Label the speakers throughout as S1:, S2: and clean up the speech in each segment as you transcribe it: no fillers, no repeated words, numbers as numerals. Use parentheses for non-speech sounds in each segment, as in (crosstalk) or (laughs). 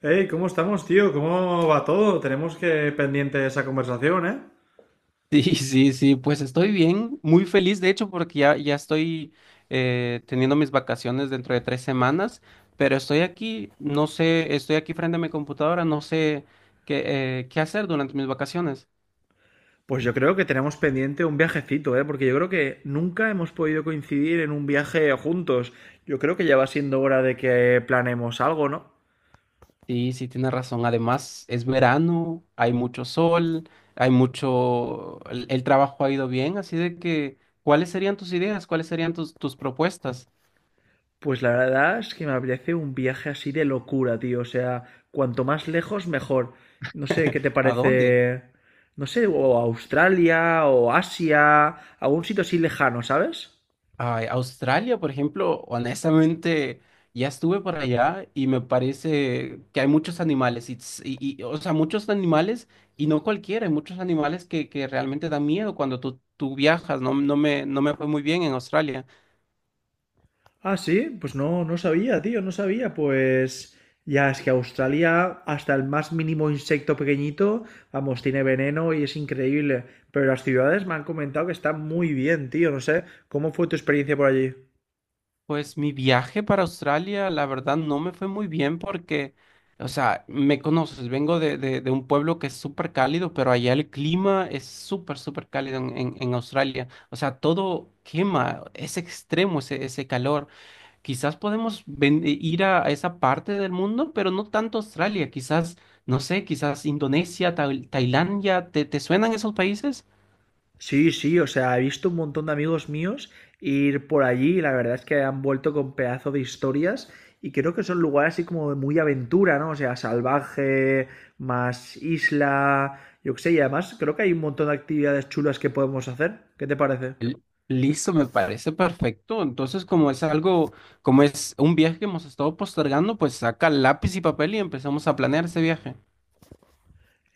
S1: Hey, ¿cómo estamos, tío? ¿Cómo va todo? Tenemos que pendiente esa conversación, ¿eh?
S2: Sí, sí, sí, pues estoy bien, muy feliz de hecho porque ya estoy teniendo mis vacaciones dentro de 3 semanas, pero estoy aquí, no sé, estoy aquí frente a mi computadora, no sé qué, qué hacer durante mis vacaciones.
S1: Pues yo creo que tenemos pendiente un viajecito, ¿eh? Porque yo creo que nunca hemos podido coincidir en un viaje juntos. Yo creo que ya va siendo hora de que planeemos algo, ¿no?
S2: Sí, sí, tienes razón, además es verano, hay mucho sol, hay mucho, el trabajo ha ido bien, así de que, ¿cuáles serían tus ideas? ¿Cuáles serían tus propuestas?
S1: Pues la verdad es que me parece un viaje así de locura, tío. O sea, cuanto más lejos, mejor. No sé, ¿qué te
S2: ¿A dónde?
S1: parece? No sé, o Australia, o Asia, algún sitio así lejano, ¿sabes?
S2: Ay, Australia, por ejemplo, honestamente, ya estuve por allá y me parece que hay muchos animales, o sea, muchos animales, y no cualquiera, hay muchos animales que realmente dan miedo cuando tú viajas, no, no me fue muy bien en Australia.
S1: Ah, sí, pues no, no sabía, tío, no sabía. Pues ya es que Australia, hasta el más mínimo insecto pequeñito, vamos, tiene veneno y es increíble. Pero las ciudades me han comentado que están muy bien, tío, no sé. ¿Cómo fue tu experiencia por allí?
S2: Pues mi viaje para Australia, la verdad, no me fue muy bien porque, o sea, me conoces, vengo de, de un pueblo que es súper cálido, pero allá el clima es súper, súper cálido en, en Australia. O sea, todo quema, es extremo ese calor. Quizás podemos ir a esa parte del mundo, pero no tanto Australia. Quizás, no sé, quizás Indonesia, Tailandia, ¿te, te suenan esos países?
S1: Sí, sí, o sea, he visto un montón de amigos míos ir por allí y la verdad es que han vuelto con pedazo de historias y creo que son lugares así como de muy aventura, ¿no? O sea, salvaje, más isla, yo qué sé, y además creo que hay un montón de actividades chulas que podemos hacer. ¿Qué te parece?
S2: L- Listo, me parece perfecto. Entonces, como es algo, como es un viaje que hemos estado postergando, pues saca lápiz y papel y empezamos a planear ese viaje.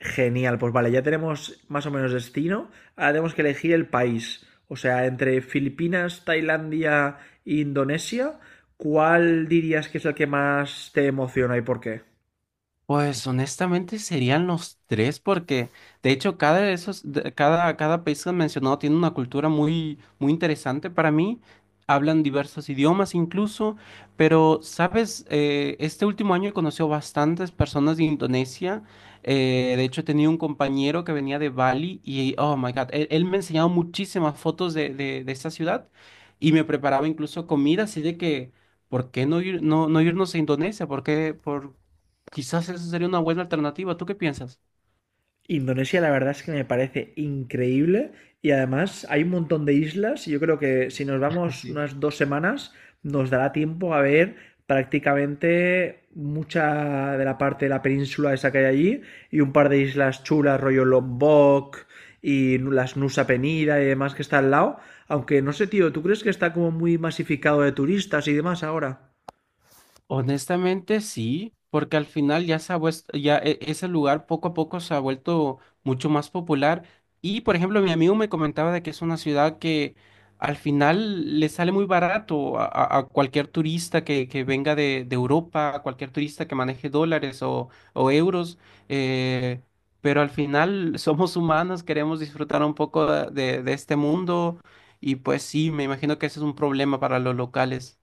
S1: Genial, pues vale, ya tenemos más o menos destino. Ahora tenemos que elegir el país. O sea, entre Filipinas, Tailandia e Indonesia, ¿cuál dirías que es el que más te emociona y por qué?
S2: Pues honestamente serían los tres porque de hecho cada de esos de- cada cada país que han mencionado tiene una cultura muy muy interesante para mí. Hablan diversos idiomas incluso, pero sabes, eh, este último año he conocido bastantes personas de Indonesia. De hecho tenía un compañero que venía de Bali y oh my God, él me enseñaba muchísimas fotos de, de esta ciudad y me preparaba incluso comida, así de que ¿por qué no ir no no irnos a Indonesia? ¿Por qué por Quizás esa sería una buena alternativa. ¿Tú qué piensas?
S1: Indonesia, la verdad es que me parece increíble y además hay un montón de islas y yo creo que si nos
S2: (laughs)
S1: vamos
S2: Sí.
S1: unas 2 semanas nos dará tiempo a ver prácticamente mucha de la parte de la península esa que hay allí y un par de islas chulas, rollo Lombok y las Nusa Penida y demás que está al lado. Aunque no sé, tío, ¿tú crees que está como muy masificado de turistas y demás ahora?
S2: Honestamente sí, porque al final ya se ha vuest- ya e- ese lugar poco a poco se ha vuelto mucho más popular. Y por ejemplo, mi amigo me comentaba de que es una ciudad que al final le sale muy barato a, a cualquier turista que venga de Europa, a cualquier turista que maneje dólares o euros. eh, pero al final (laughs) somos humanos, queremos disfrutar un poco de este mundo. Y pues sí, me imagino que ese es un problema para los locales.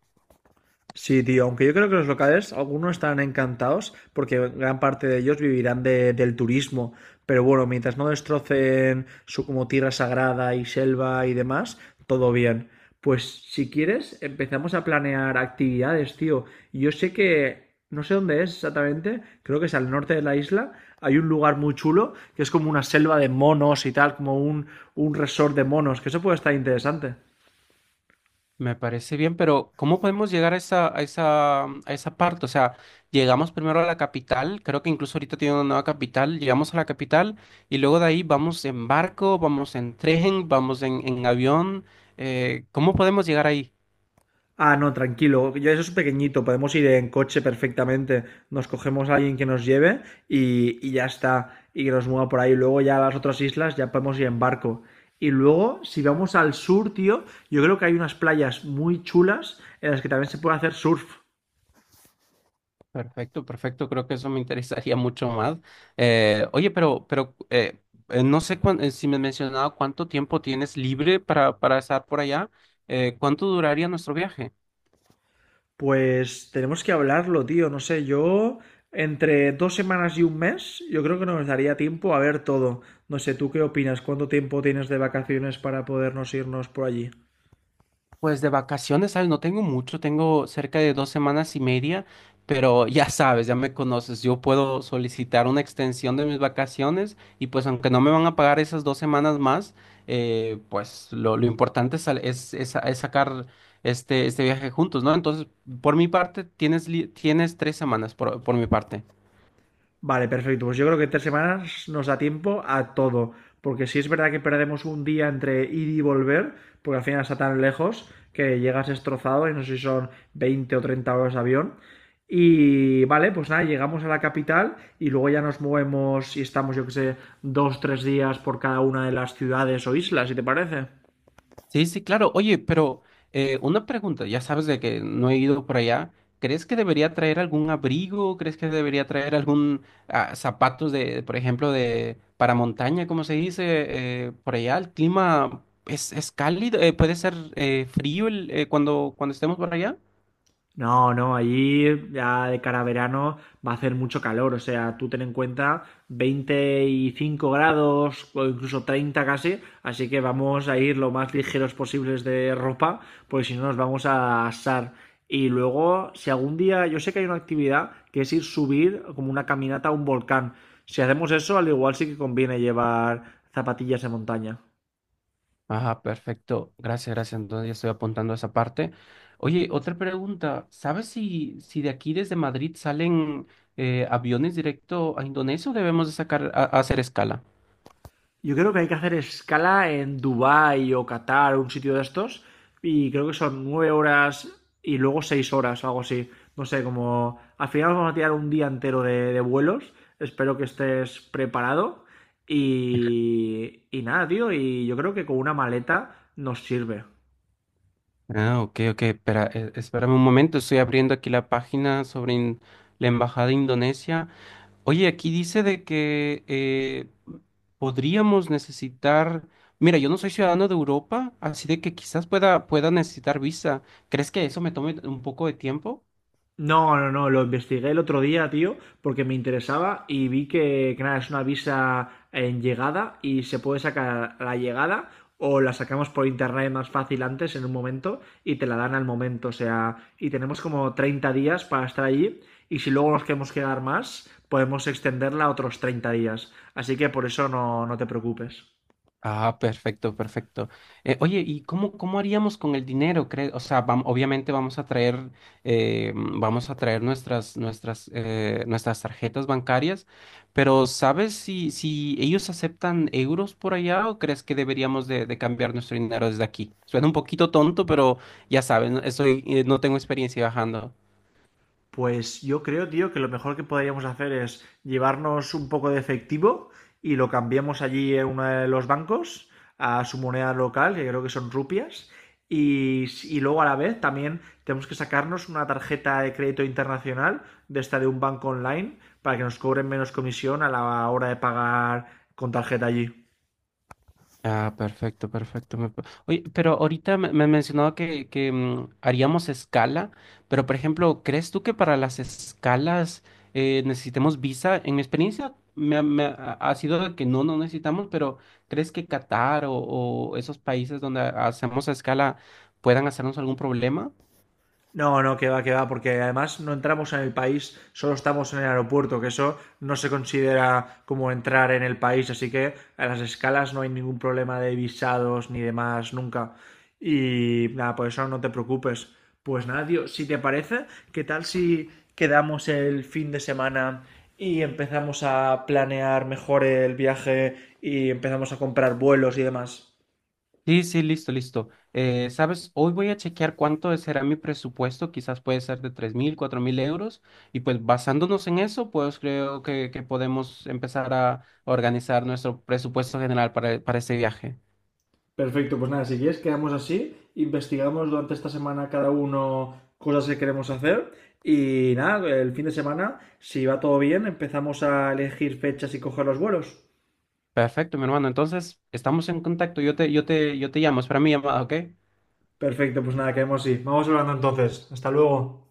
S1: Sí, tío, aunque yo creo que los locales, algunos estarán encantados porque gran parte de ellos vivirán del turismo. Pero bueno, mientras no destrocen su como tierra sagrada y selva y demás, todo bien. Pues si quieres, empezamos a planear actividades, tío. Yo sé que, no sé dónde es exactamente, creo que es al norte de la isla. Hay un lugar muy chulo que es como una selva de monos y tal, como un resort de monos, que eso puede estar interesante.
S2: Me parece bien, pero ¿cómo podemos llegar a esa, a esa, a esa parte? O sea, llegamos primero a la capital, creo que incluso ahorita tiene una nueva capital, llegamos a la capital y luego de ahí vamos en barco, vamos en tren, vamos en avión. ¿Cómo podemos llegar ahí?
S1: Ah, no, tranquilo. Yo eso es pequeñito. Podemos ir en coche perfectamente. Nos cogemos a alguien que nos lleve y ya está. Y que nos mueva por ahí. Luego ya a las otras islas ya podemos ir en barco. Y luego, si vamos al sur, tío, yo creo que hay unas playas muy chulas en las que también se puede hacer surf.
S2: Perfecto, perfecto, creo que eso me interesaría (laughs) mucho más. Oye, pero no sé si me has mencionado cuánto tiempo tienes libre para estar por allá, ¿cuánto duraría nuestro viaje?
S1: Pues tenemos que hablarlo, tío. No sé, yo entre 2 semanas y un mes, yo creo que nos daría tiempo a ver todo. No sé, ¿tú qué opinas? ¿Cuánto tiempo tienes de vacaciones para podernos irnos por allí?
S2: Pues de vacaciones, ¿sabes? No tengo mucho, tengo cerca de 2 semanas y media, pero ya sabes, ya me conoces, yo puedo solicitar una extensión de mis vacaciones y pues aunque no me van a pagar esas 2 semanas más, pues lo importante es, es sacar este viaje juntos, ¿no? Entonces, por mi parte, tienes 3 semanas, por mi parte.
S1: Vale, perfecto. Pues yo creo que 3 semanas nos da tiempo a todo. Porque si es verdad que perdemos un día entre ir y volver, porque al final está tan lejos que llegas destrozado y no sé si son 20 o 30 horas de avión. Y vale, pues nada, llegamos a la capital y luego ya nos movemos y estamos, yo que sé, dos, tres días por cada una de las ciudades o islas, si te parece.
S2: Sí, sí, claro. Oye, pero una pregunta, ya sabes de que no he ido por allá. ¿Crees que debería traer algún abrigo? ¿Crees que debería traer algún ah, zapatos de, por ejemplo, de para montaña, como se dice por allá? El clima es cálido, puede ser frío cuando estemos por allá.
S1: No, no, allí ya de cara a verano va a hacer mucho calor, o sea, tú ten en cuenta 25 grados o incluso 30 casi, así que vamos a ir lo más ligeros posibles de ropa, porque si no nos vamos a asar. Y luego, si algún día, yo sé que hay una actividad que es ir subir como una caminata a un volcán, si hacemos eso, al igual sí que conviene llevar zapatillas de montaña.
S2: Ajá, perfecto. Gracias, gracias. Entonces ya estoy apuntando esa parte. Oye, otra pregunta. ¿Sabes si, si de aquí desde Madrid salen aviones directo a Indonesia o debemos de a hacer escala?
S1: Yo creo que hay que hacer escala en Dubái o Qatar, un sitio de estos, y creo que son 9 horas y luego 6 horas o algo así. No sé, como al final vamos a tirar un día entero de vuelos. Espero que estés preparado. Y nada, tío, y yo creo que con una maleta nos sirve.
S2: Ah, ok, ok. Espera, espérame un momento. Estoy abriendo aquí la página sobre la Embajada de Indonesia. Oye, aquí dice de que podríamos necesitar... Mira, yo no soy ciudadano de Europa, así de que quizás pueda necesitar visa. ¿Crees que eso me tome un poco de tiempo?
S1: No, no, no, lo investigué el otro día, tío, porque me interesaba y vi que nada, es una visa en llegada y se puede sacar a la llegada o la sacamos por internet más fácil antes en un momento y te la dan al momento, o sea, y tenemos como 30 días para estar allí y si luego nos queremos quedar más, podemos extenderla a otros 30 días, así que por eso no, no te preocupes.
S2: Ah, perfecto, perfecto. Oye, ¿y cómo, cómo haríamos con el dinero? O sea, obviamente vamos a traer, vamos a traer nuestras, nuestras tarjetas bancarias, pero ¿sabes si, si ellos aceptan euros por allá o crees que deberíamos de cambiar nuestro dinero desde aquí? Suena un poquito tonto, pero ya saben, estoy, no tengo experiencia viajando.
S1: Pues yo creo, tío, que lo mejor que podríamos hacer es llevarnos un poco de efectivo y lo cambiamos allí en uno de los bancos a su moneda local, que creo que son rupias. Y luego a la vez también tenemos que sacarnos una tarjeta de crédito internacional de esta de un banco online para que nos cobren menos comisión a la hora de pagar con tarjeta allí.
S2: Ah, perfecto, perfecto. Oye, pero ahorita me mencionaba que haríamos escala, pero por ejemplo, ¿crees tú que para las escalas necesitemos visa? En mi experiencia me ha sido de que no, no necesitamos, pero ¿crees que Qatar o esos países donde hacemos escala puedan hacernos algún problema?
S1: No, no, que va, porque además no entramos en el país, solo estamos en el aeropuerto, que eso no se considera como entrar en el país, así que a las escalas no hay ningún problema de visados ni demás, nunca. Y nada, por eso no te preocupes. Pues nada, tío, si te parece, ¿qué tal si quedamos el fin de semana y empezamos a planear mejor el viaje y empezamos a comprar vuelos y demás?
S2: Sí, sí, listo, listo. ¿Sabes? Hoy voy a chequear cuánto será mi presupuesto, quizás puede ser de 3.000, 4.000 euros, y pues basándonos en eso, pues creo que podemos empezar a organizar nuestro presupuesto general para ese viaje.
S1: Perfecto, pues nada, si quieres quedamos así, investigamos durante esta semana cada uno cosas que queremos hacer y nada, el fin de semana, si va todo bien, empezamos a elegir fechas y coger los vuelos.
S2: Perfecto, mi hermano. Entonces, estamos en contacto. Yo te llamo, espera mi llamada, ¿ok?
S1: Perfecto, pues nada, quedamos así. Vamos hablando entonces. Hasta luego.